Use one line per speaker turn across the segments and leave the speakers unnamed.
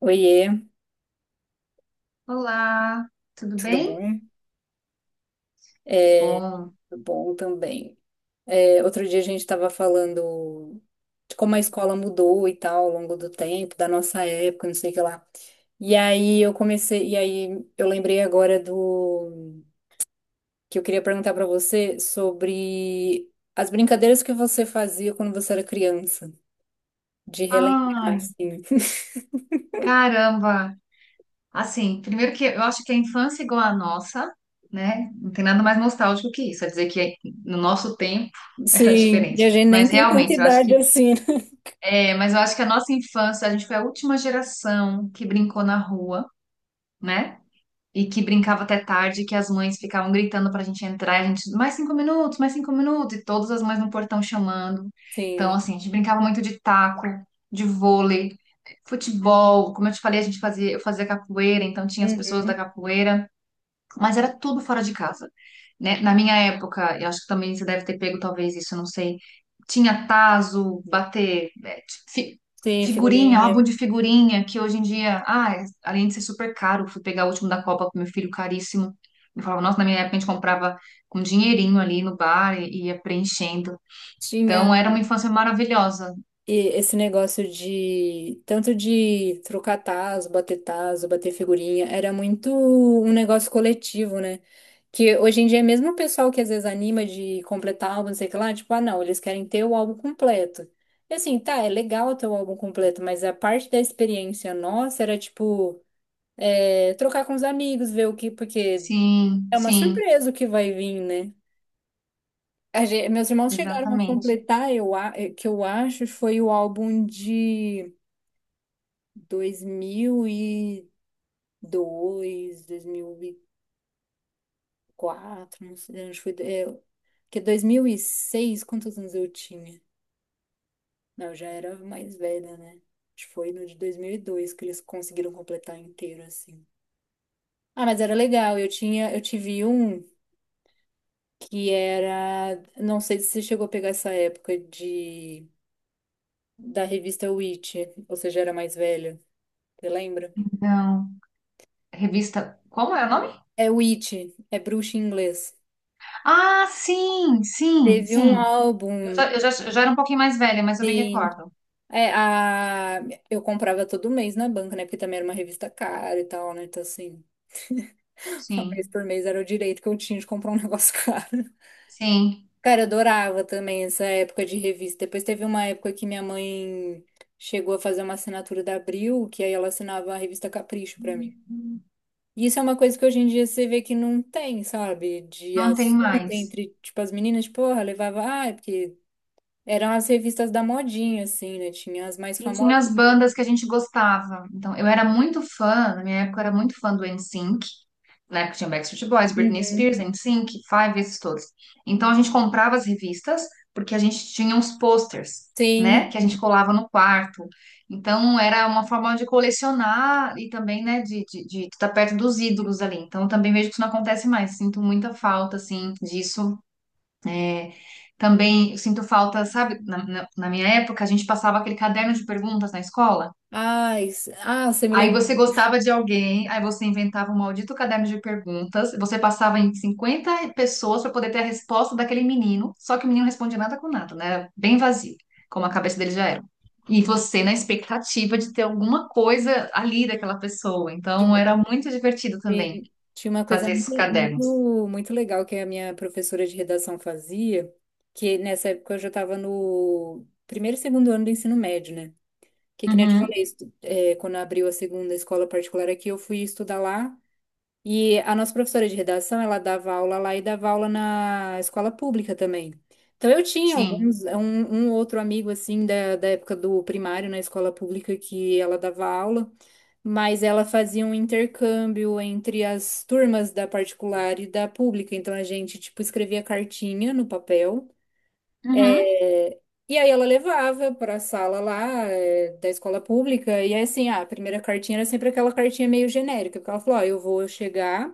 Oiê,
Olá, tudo
tudo
bem?
bom?
Que
É,
bom.
tudo bom também. É, outro dia a gente estava falando de como a escola mudou e tal ao longo do tempo, da nossa época, não sei o que lá. E aí eu lembrei agora do que eu queria perguntar para você sobre as brincadeiras que você fazia quando você era criança, de relembrar,
Ai,
assim.
caramba. Assim, primeiro que eu acho que a infância é igual à nossa, né? Não tem nada mais nostálgico que isso. É dizer que no nosso tempo era
Sim, e a
diferente.
gente nem
Mas
tem tanta
realmente, eu acho
idade
que
assim, né?
é, mas eu acho que a nossa infância, a gente foi a última geração que brincou na rua, né? E que brincava até tarde, que as mães ficavam gritando pra gente entrar, e a gente, mais cinco minutos, e todas as mães no portão chamando. Então,
Sim.
assim, a gente brincava muito de taco, de vôlei, futebol. Como eu te falei, a gente fazia, eu fazia capoeira, então tinha as pessoas da
Uhum.
capoeira. Mas era tudo fora de casa, né? Na minha época, eu acho que também você deve ter pego talvez isso, eu não sei. Tinha tazo, bater,
Sim,
figurinha, álbum
figurinha.
de figurinha, que hoje em dia, ah, é- além de ser super caro, fui pegar o último da Copa com meu filho, caríssimo. Eu falava, nossa, na minha época a gente comprava com dinheirinho ali no bar e ia preenchendo. Então
Tinha.
era uma infância maravilhosa.
E esse negócio de tanto de trocar tazo, bater figurinha, era muito um negócio coletivo, né? Que hoje em dia, é mesmo o pessoal que às vezes anima de completar álbum, não sei o que lá, tipo, ah, não, eles querem ter o álbum completo. E assim, tá, é legal ter o álbum completo, mas a parte da experiência nossa era tipo, é, trocar com os amigos, ver o que, porque
Sim,
é uma
sim,
surpresa o que vai vir, né? Meus irmãos chegaram a
exatamente.
completar, que eu acho, foi o álbum de 2002, 2004, não sei onde foi. É, porque 2006, quantos anos eu tinha? Não, eu já era mais velha, né? Acho que foi no de 2002 que eles conseguiram completar inteiro, assim. Ah, mas era legal. Eu tive um que era, não sei se você chegou a pegar essa época de da revista Witch, ou seja, era mais velha. Você lembra?
Então, revista, como é o nome?
É Witch, é bruxa em inglês.
Ah, sim, sim,
Teve um
sim. Eu
álbum,
já, eu já, eu já era um pouquinho mais velha, mas eu me
sim.
recordo.
É, a... Eu comprava todo mês na banca, né? Porque também era uma revista cara e tal, né? Então, assim, uma vez
Sim,
por mês era o direito que eu tinha de comprar um negócio caro.
sim.
Cara, eu adorava também essa época de revista. Depois teve uma época que minha mãe chegou a fazer uma assinatura da Abril, que aí ela assinava a revista Capricho pra mim. E isso é uma coisa que hoje em dia você vê que não tem, sabe? De
Não tem
assunto
mais.
entre, tipo, as meninas, tipo, porra, levava. Ah, é porque eram as revistas da modinha, assim, né? Tinha as mais
E tinha
famosas.
as bandas que a gente gostava. Então, eu era muito fã, na minha época eu era muito fã do NSYNC. Na época tinha Backstreet Boys, Britney
Uhum.
Spears, NSYNC, Five, esses todos. Então, a gente comprava as revistas porque a gente tinha uns posters, né?
Sim.
Que a gente colava no quarto. Então, era uma forma de colecionar e também, né, de estar perto dos ídolos ali. Então, eu também vejo que isso não acontece mais. Sinto muita falta, assim, disso. é, Também eu sinto falta, sabe? Na minha época, a gente passava aquele caderno de perguntas na escola.
Ai, ah, você me
Aí
lembrou
você gostava de alguém, aí você inventava um maldito caderno de perguntas, você passava em 50 pessoas para poder ter a resposta daquele menino, só que o menino não respondia nada com nada, né? Era bem vazio, como a cabeça dele já era. E você na expectativa de ter alguma coisa ali daquela pessoa.
de,
Então era muito divertido também
tinha uma coisa
fazer esses
muito,
cadernos.
muito, muito legal que a minha professora de redação fazia, que nessa época eu já estava no primeiro e segundo ano do ensino médio, né? Que nem eu te
Uhum,
falei, quando abriu a segunda escola particular aqui, eu fui estudar lá. E a nossa professora de redação, ela dava aula lá e dava aula na escola pública também. Então eu tinha
sim.
alguns, um outro amigo assim da, da época do primário na escola pública que ela dava aula. Mas ela fazia um intercâmbio entre as turmas da particular e da pública. Então a gente, tipo, escrevia cartinha no papel.
Uhum,
É, E aí ela levava para a sala lá da escola pública, e aí assim, ah, a primeira cartinha era sempre aquela cartinha meio genérica, porque ela falou, ó, eu vou chegar,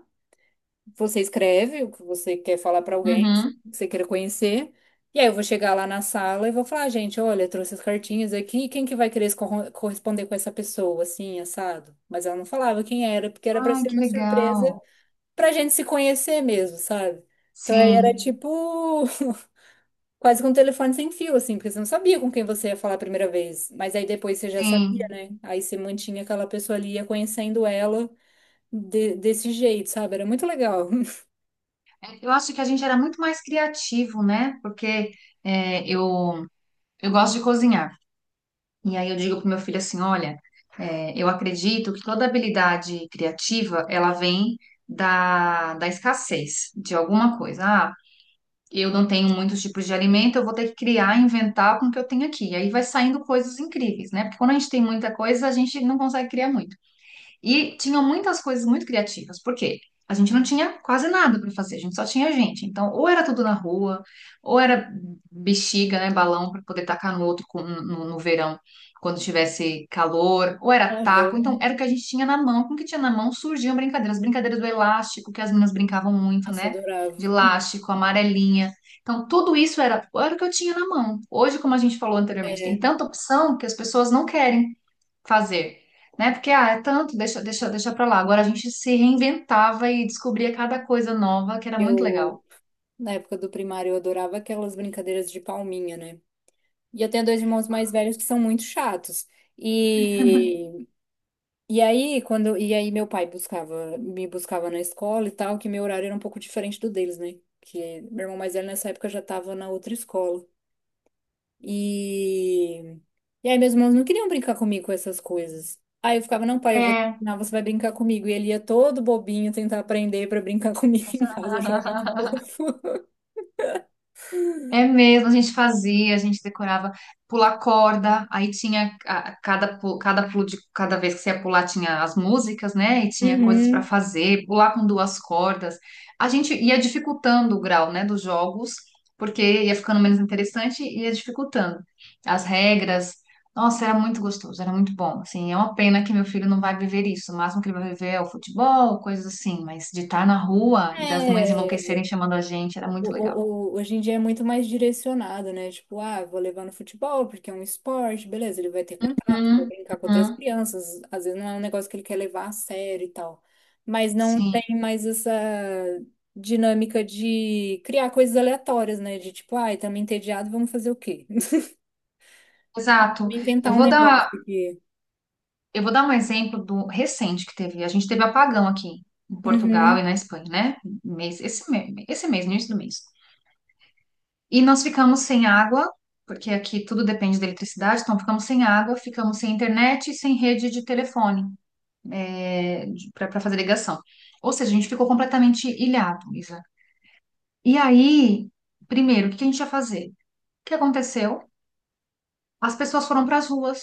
você escreve o que você quer falar para alguém,
uhum.
que você queira conhecer. E aí eu vou chegar lá na sala e vou falar, "Ah, gente, olha, eu trouxe as cartinhas aqui, quem que vai querer se corresponder com essa pessoa, assim, assado?" Mas ela não falava quem era, porque era para
Ai,
ser
que
uma surpresa
legal.
pra gente se conhecer mesmo, sabe? Então aí era
Sim.
tipo quase que um telefone sem fio, assim, porque você não sabia com quem você ia falar a primeira vez. Mas aí depois você já sabia,
Sim,
né? Aí você mantinha aquela pessoa ali, ia conhecendo ela desse jeito, sabe? Era muito legal.
eu acho que a gente era muito mais criativo, né? Porque é, eu, eu gosto de cozinhar. E aí eu digo pro meu filho assim, olha, eu acredito que toda habilidade criativa, ela vem da escassez de alguma coisa. Ah, eu não tenho muitos tipos de alimento, eu vou ter que criar, inventar com o que eu tenho aqui. E aí vai saindo coisas incríveis, né? Porque quando a gente tem muita coisa, a gente não consegue criar muito. E tinham muitas coisas muito criativas, porque a gente não tinha quase nada para fazer, a gente só tinha gente. Então, ou era tudo na rua, ou era bexiga, né, balão para poder tacar no outro no verão, quando tivesse calor, ou era taco. Então,
Aham.
era o que a gente tinha na mão. Com o que tinha na mão surgiam brincadeiras, brincadeiras do elástico, que as meninas brincavam muito,
Nossa,
né?
adorava.
De elástico, amarelinha. Então, tudo isso era, era o que eu tinha na mão. Hoje, como a gente falou anteriormente, tem
É,
tanta opção que as pessoas não querem fazer, né? Porque, ah, é tanto, deixa, deixa, deixa pra lá. Agora a gente se reinventava e descobria cada coisa nova, que era muito
eu,
legal.
Na época do primário, eu adorava aquelas brincadeiras de palminha, né? E eu tenho dois irmãos mais velhos que são muito chatos. E, e aí meu pai me buscava na escola e tal, que meu horário era um pouco diferente do deles, né? Que meu irmão mais velho nessa época já tava na outra escola. E, e aí meus irmãos não queriam brincar comigo com essas coisas. Aí eu ficava, não, pai, eu vou te
É,
ensinar, você vai brincar comigo. E ele ia todo bobinho tentar aprender pra brincar comigo em casa. Eu achava muito fofo.
é mesmo, a gente fazia, a gente decorava, pular corda, aí tinha a cada pulo de cada vez que você ia pular tinha as músicas, né? E tinha coisas para
Uhum.
fazer, pular com duas cordas. A gente ia dificultando o grau, né, dos jogos, porque ia ficando menos interessante e ia dificultando as regras. Nossa, era muito gostoso, era muito bom. Assim, é uma pena que meu filho não vai viver isso. O máximo que ele vai viver é o futebol, coisas assim, mas de estar na rua e das mães
É.
enlouquecerem chamando a gente, era muito legal.
Hoje em dia é muito mais direcionado, né? Tipo, ah, vou levar no futebol porque é um esporte, beleza, ele vai ter contato, vai
Uhum.
brincar com outras
Uhum.
crianças, às vezes não é um negócio que ele quer levar a sério e tal. Mas não
Sim,
tem mais essa dinâmica de criar coisas aleatórias, né? De tipo, ah, estamos entediados, vamos fazer o quê?
exato. Eu
Inventar um
vou
negócio
dar,
aqui.
eu vou dar um exemplo do recente que teve. A gente teve apagão aqui em Portugal e
Uhum,
na Espanha, né? Esse mês, no início do mês. E nós ficamos sem água, porque aqui tudo depende da eletricidade, então ficamos sem água, ficamos sem internet e sem rede de telefone para fazer ligação. Ou seja, a gente ficou completamente ilhado, Isa. E aí, primeiro, o que a gente ia fazer? O que aconteceu? As pessoas foram para as ruas.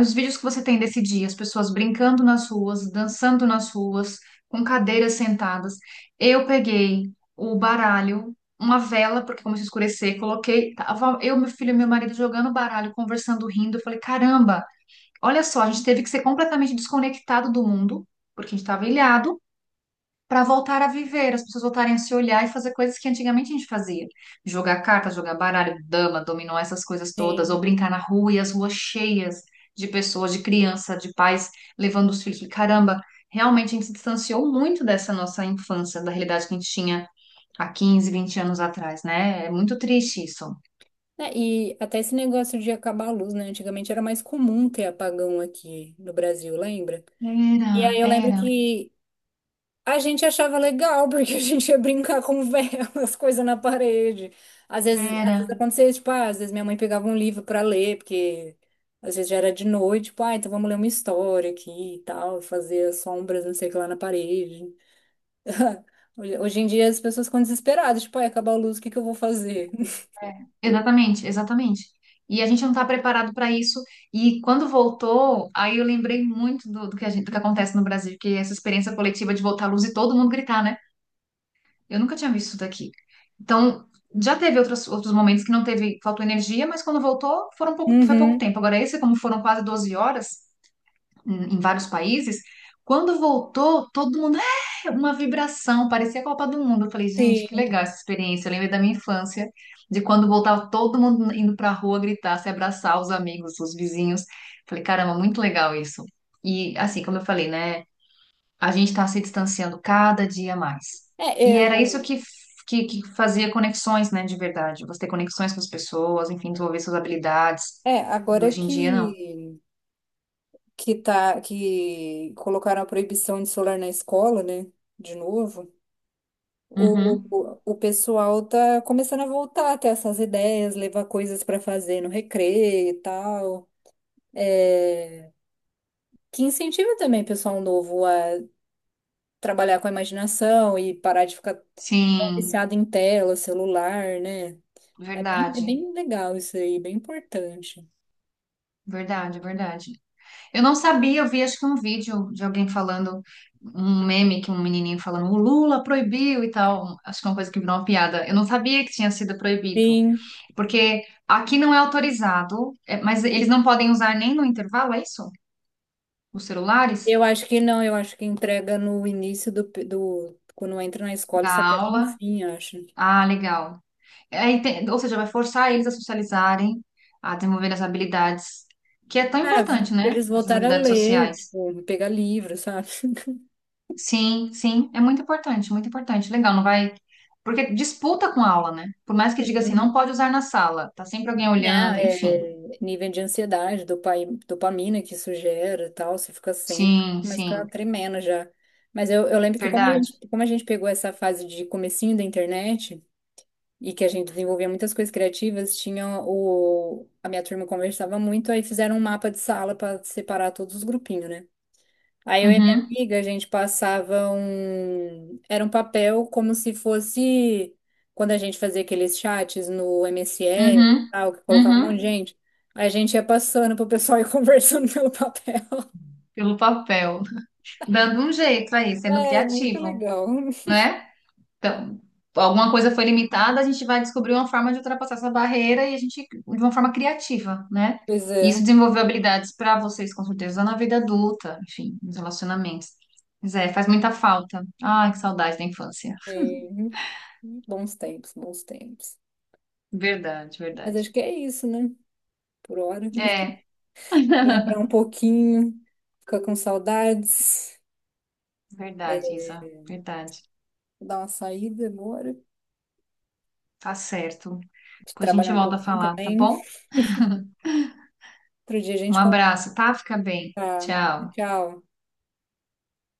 Os vídeos que você tem desse dia, as pessoas brincando nas ruas, dançando nas ruas, com cadeiras sentadas. Eu peguei o baralho, uma vela, porque começou a escurecer, coloquei, tava eu, meu filho e meu marido jogando baralho, conversando, rindo. Eu falei, caramba, olha só, a gente teve que ser completamente desconectado do mundo, porque a gente estava ilhado, para voltar a viver, as pessoas voltarem a se olhar e fazer coisas que antigamente a gente fazia. Jogar carta, jogar baralho, dama, dominó, essas coisas todas,
sim.
ou brincar na rua e as ruas cheias de pessoas, de criança, de pais levando os filhos. Caramba, realmente a gente se distanciou muito dessa nossa infância, da realidade que a gente tinha há 15, 20 anos atrás, né? É muito triste isso.
É, e até esse negócio de acabar a luz, né? Antigamente era mais comum ter apagão aqui no Brasil, lembra? E
Era,
aí eu lembro
era,
que a gente achava legal, porque a gente ia brincar com velas, coisa na parede. Às vezes
Era.
acontecia, tipo, ah, às vezes minha mãe pegava um livro para ler, porque às vezes já era de noite, tipo, ah, então vamos ler uma história aqui e tal, fazer as sombras, não sei o que lá na parede. Hoje em dia as pessoas ficam desesperadas, tipo, ai, acabar a luz, o que que eu vou fazer?
É, exatamente, exatamente. E a gente não está preparado para isso. E quando voltou, aí eu lembrei muito do que a gente, do que acontece no Brasil, que é essa experiência coletiva de voltar à luz e todo mundo gritar, né? Eu nunca tinha visto isso daqui. Então, já teve outros, outros momentos que não teve, faltou energia, mas quando voltou, foram pouco, foi pouco
Uhum,
tempo. Agora, esse, como foram quase 12 horas, em vários países. Quando voltou, todo mundo, é, uma vibração, parecia a Copa do Mundo. Eu falei, gente, que
sim.
legal essa experiência. Eu lembrei da minha infância, de quando voltava todo mundo indo pra rua gritar, se abraçar, os amigos, os vizinhos. Falei, caramba, muito legal isso. E assim, como eu falei, né, a gente tá se distanciando cada dia mais.
É,
E era isso
eu.
que fazia conexões, né, de verdade. Você ter conexões com as pessoas, enfim, desenvolver suas habilidades.
É,
E
agora
hoje em dia, não.
que tá que colocaram a proibição de celular na escola, né? De novo. O,
Uhum.
o o pessoal tá começando a voltar a ter essas ideias, levar coisas para fazer no recreio e tal. É, que incentiva também o pessoal novo a trabalhar com a imaginação e parar de ficar tão
Sim.
viciado em tela, celular, né? É
Verdade,
bem legal isso aí, bem importante.
verdade, verdade. Eu não sabia, eu vi acho que um vídeo de alguém falando, um meme que um menininho falando, o Lula proibiu e tal. Acho que é uma coisa que virou uma piada. Eu não sabia que tinha sido proibido,
Sim,
porque aqui não é autorizado, é, mas eles não podem usar nem no intervalo, é isso? Os celulares
eu acho que não, eu acho que entrega no início do, do quando entra na escola,
da
só pega no
aula.
fim, eu acho.
Ah, legal. Ou seja, vai forçar eles a socializarem, a desenvolver as habilidades, que é tão
Ah,
importante, né?
eles
Essas
voltaram a
habilidades
ler,
sociais.
tipo, pegar livro, sabe?
Sim, sim, é muito importante, muito importante. Legal, não vai. Porque disputa com a aula, né? Por mais que diga assim, não pode usar na sala, tá sempre alguém
Não,
olhando, enfim.
é nível de ansiedade, dopamina que isso gera e tal, você fica sem,
Sim,
começa a ficar
sim,
tremendo já. Mas eu lembro que
verdade.
como a gente pegou essa fase de comecinho da internet e que a gente desenvolvia muitas coisas criativas, tinha a minha turma conversava muito, aí fizeram um mapa de sala para separar todos os grupinhos, né? Aí eu e minha
Uhum,
amiga, a gente passava um. Era um papel como se fosse quando a gente fazia aqueles chats no MSN e
uhum,
tal, que colocava um monte de
uhum,
gente. A gente ia passando pro pessoal e conversando pelo papel.
pelo papel. Dando um jeito aí, sendo
É, muito
criativo,
legal.
né. Então, alguma coisa foi limitada, a gente vai descobrir uma forma de ultrapassar essa barreira e a gente, de uma forma criativa, né?
Pois
E
é.
isso desenvolveu habilidades para vocês, com certeza, na vida adulta, enfim, nos relacionamentos. Mas é, faz muita falta. Ai, que saudade da infância.
é, Bons tempos, bons tempos.
Verdade,
Mas
verdade.
acho que é isso, né? Por hora.
É,
Lembrar um pouquinho, ficar com saudades,
verdade, Isa, verdade.
dar uma saída agora,
Tá certo. Depois a gente
trabalhar um
volta a
pouquinho
falar, tá
também.
bom?
Outro dia a
Um
gente.
abraço, tá? Fica bem.
Tá,
Tchau.
tchau.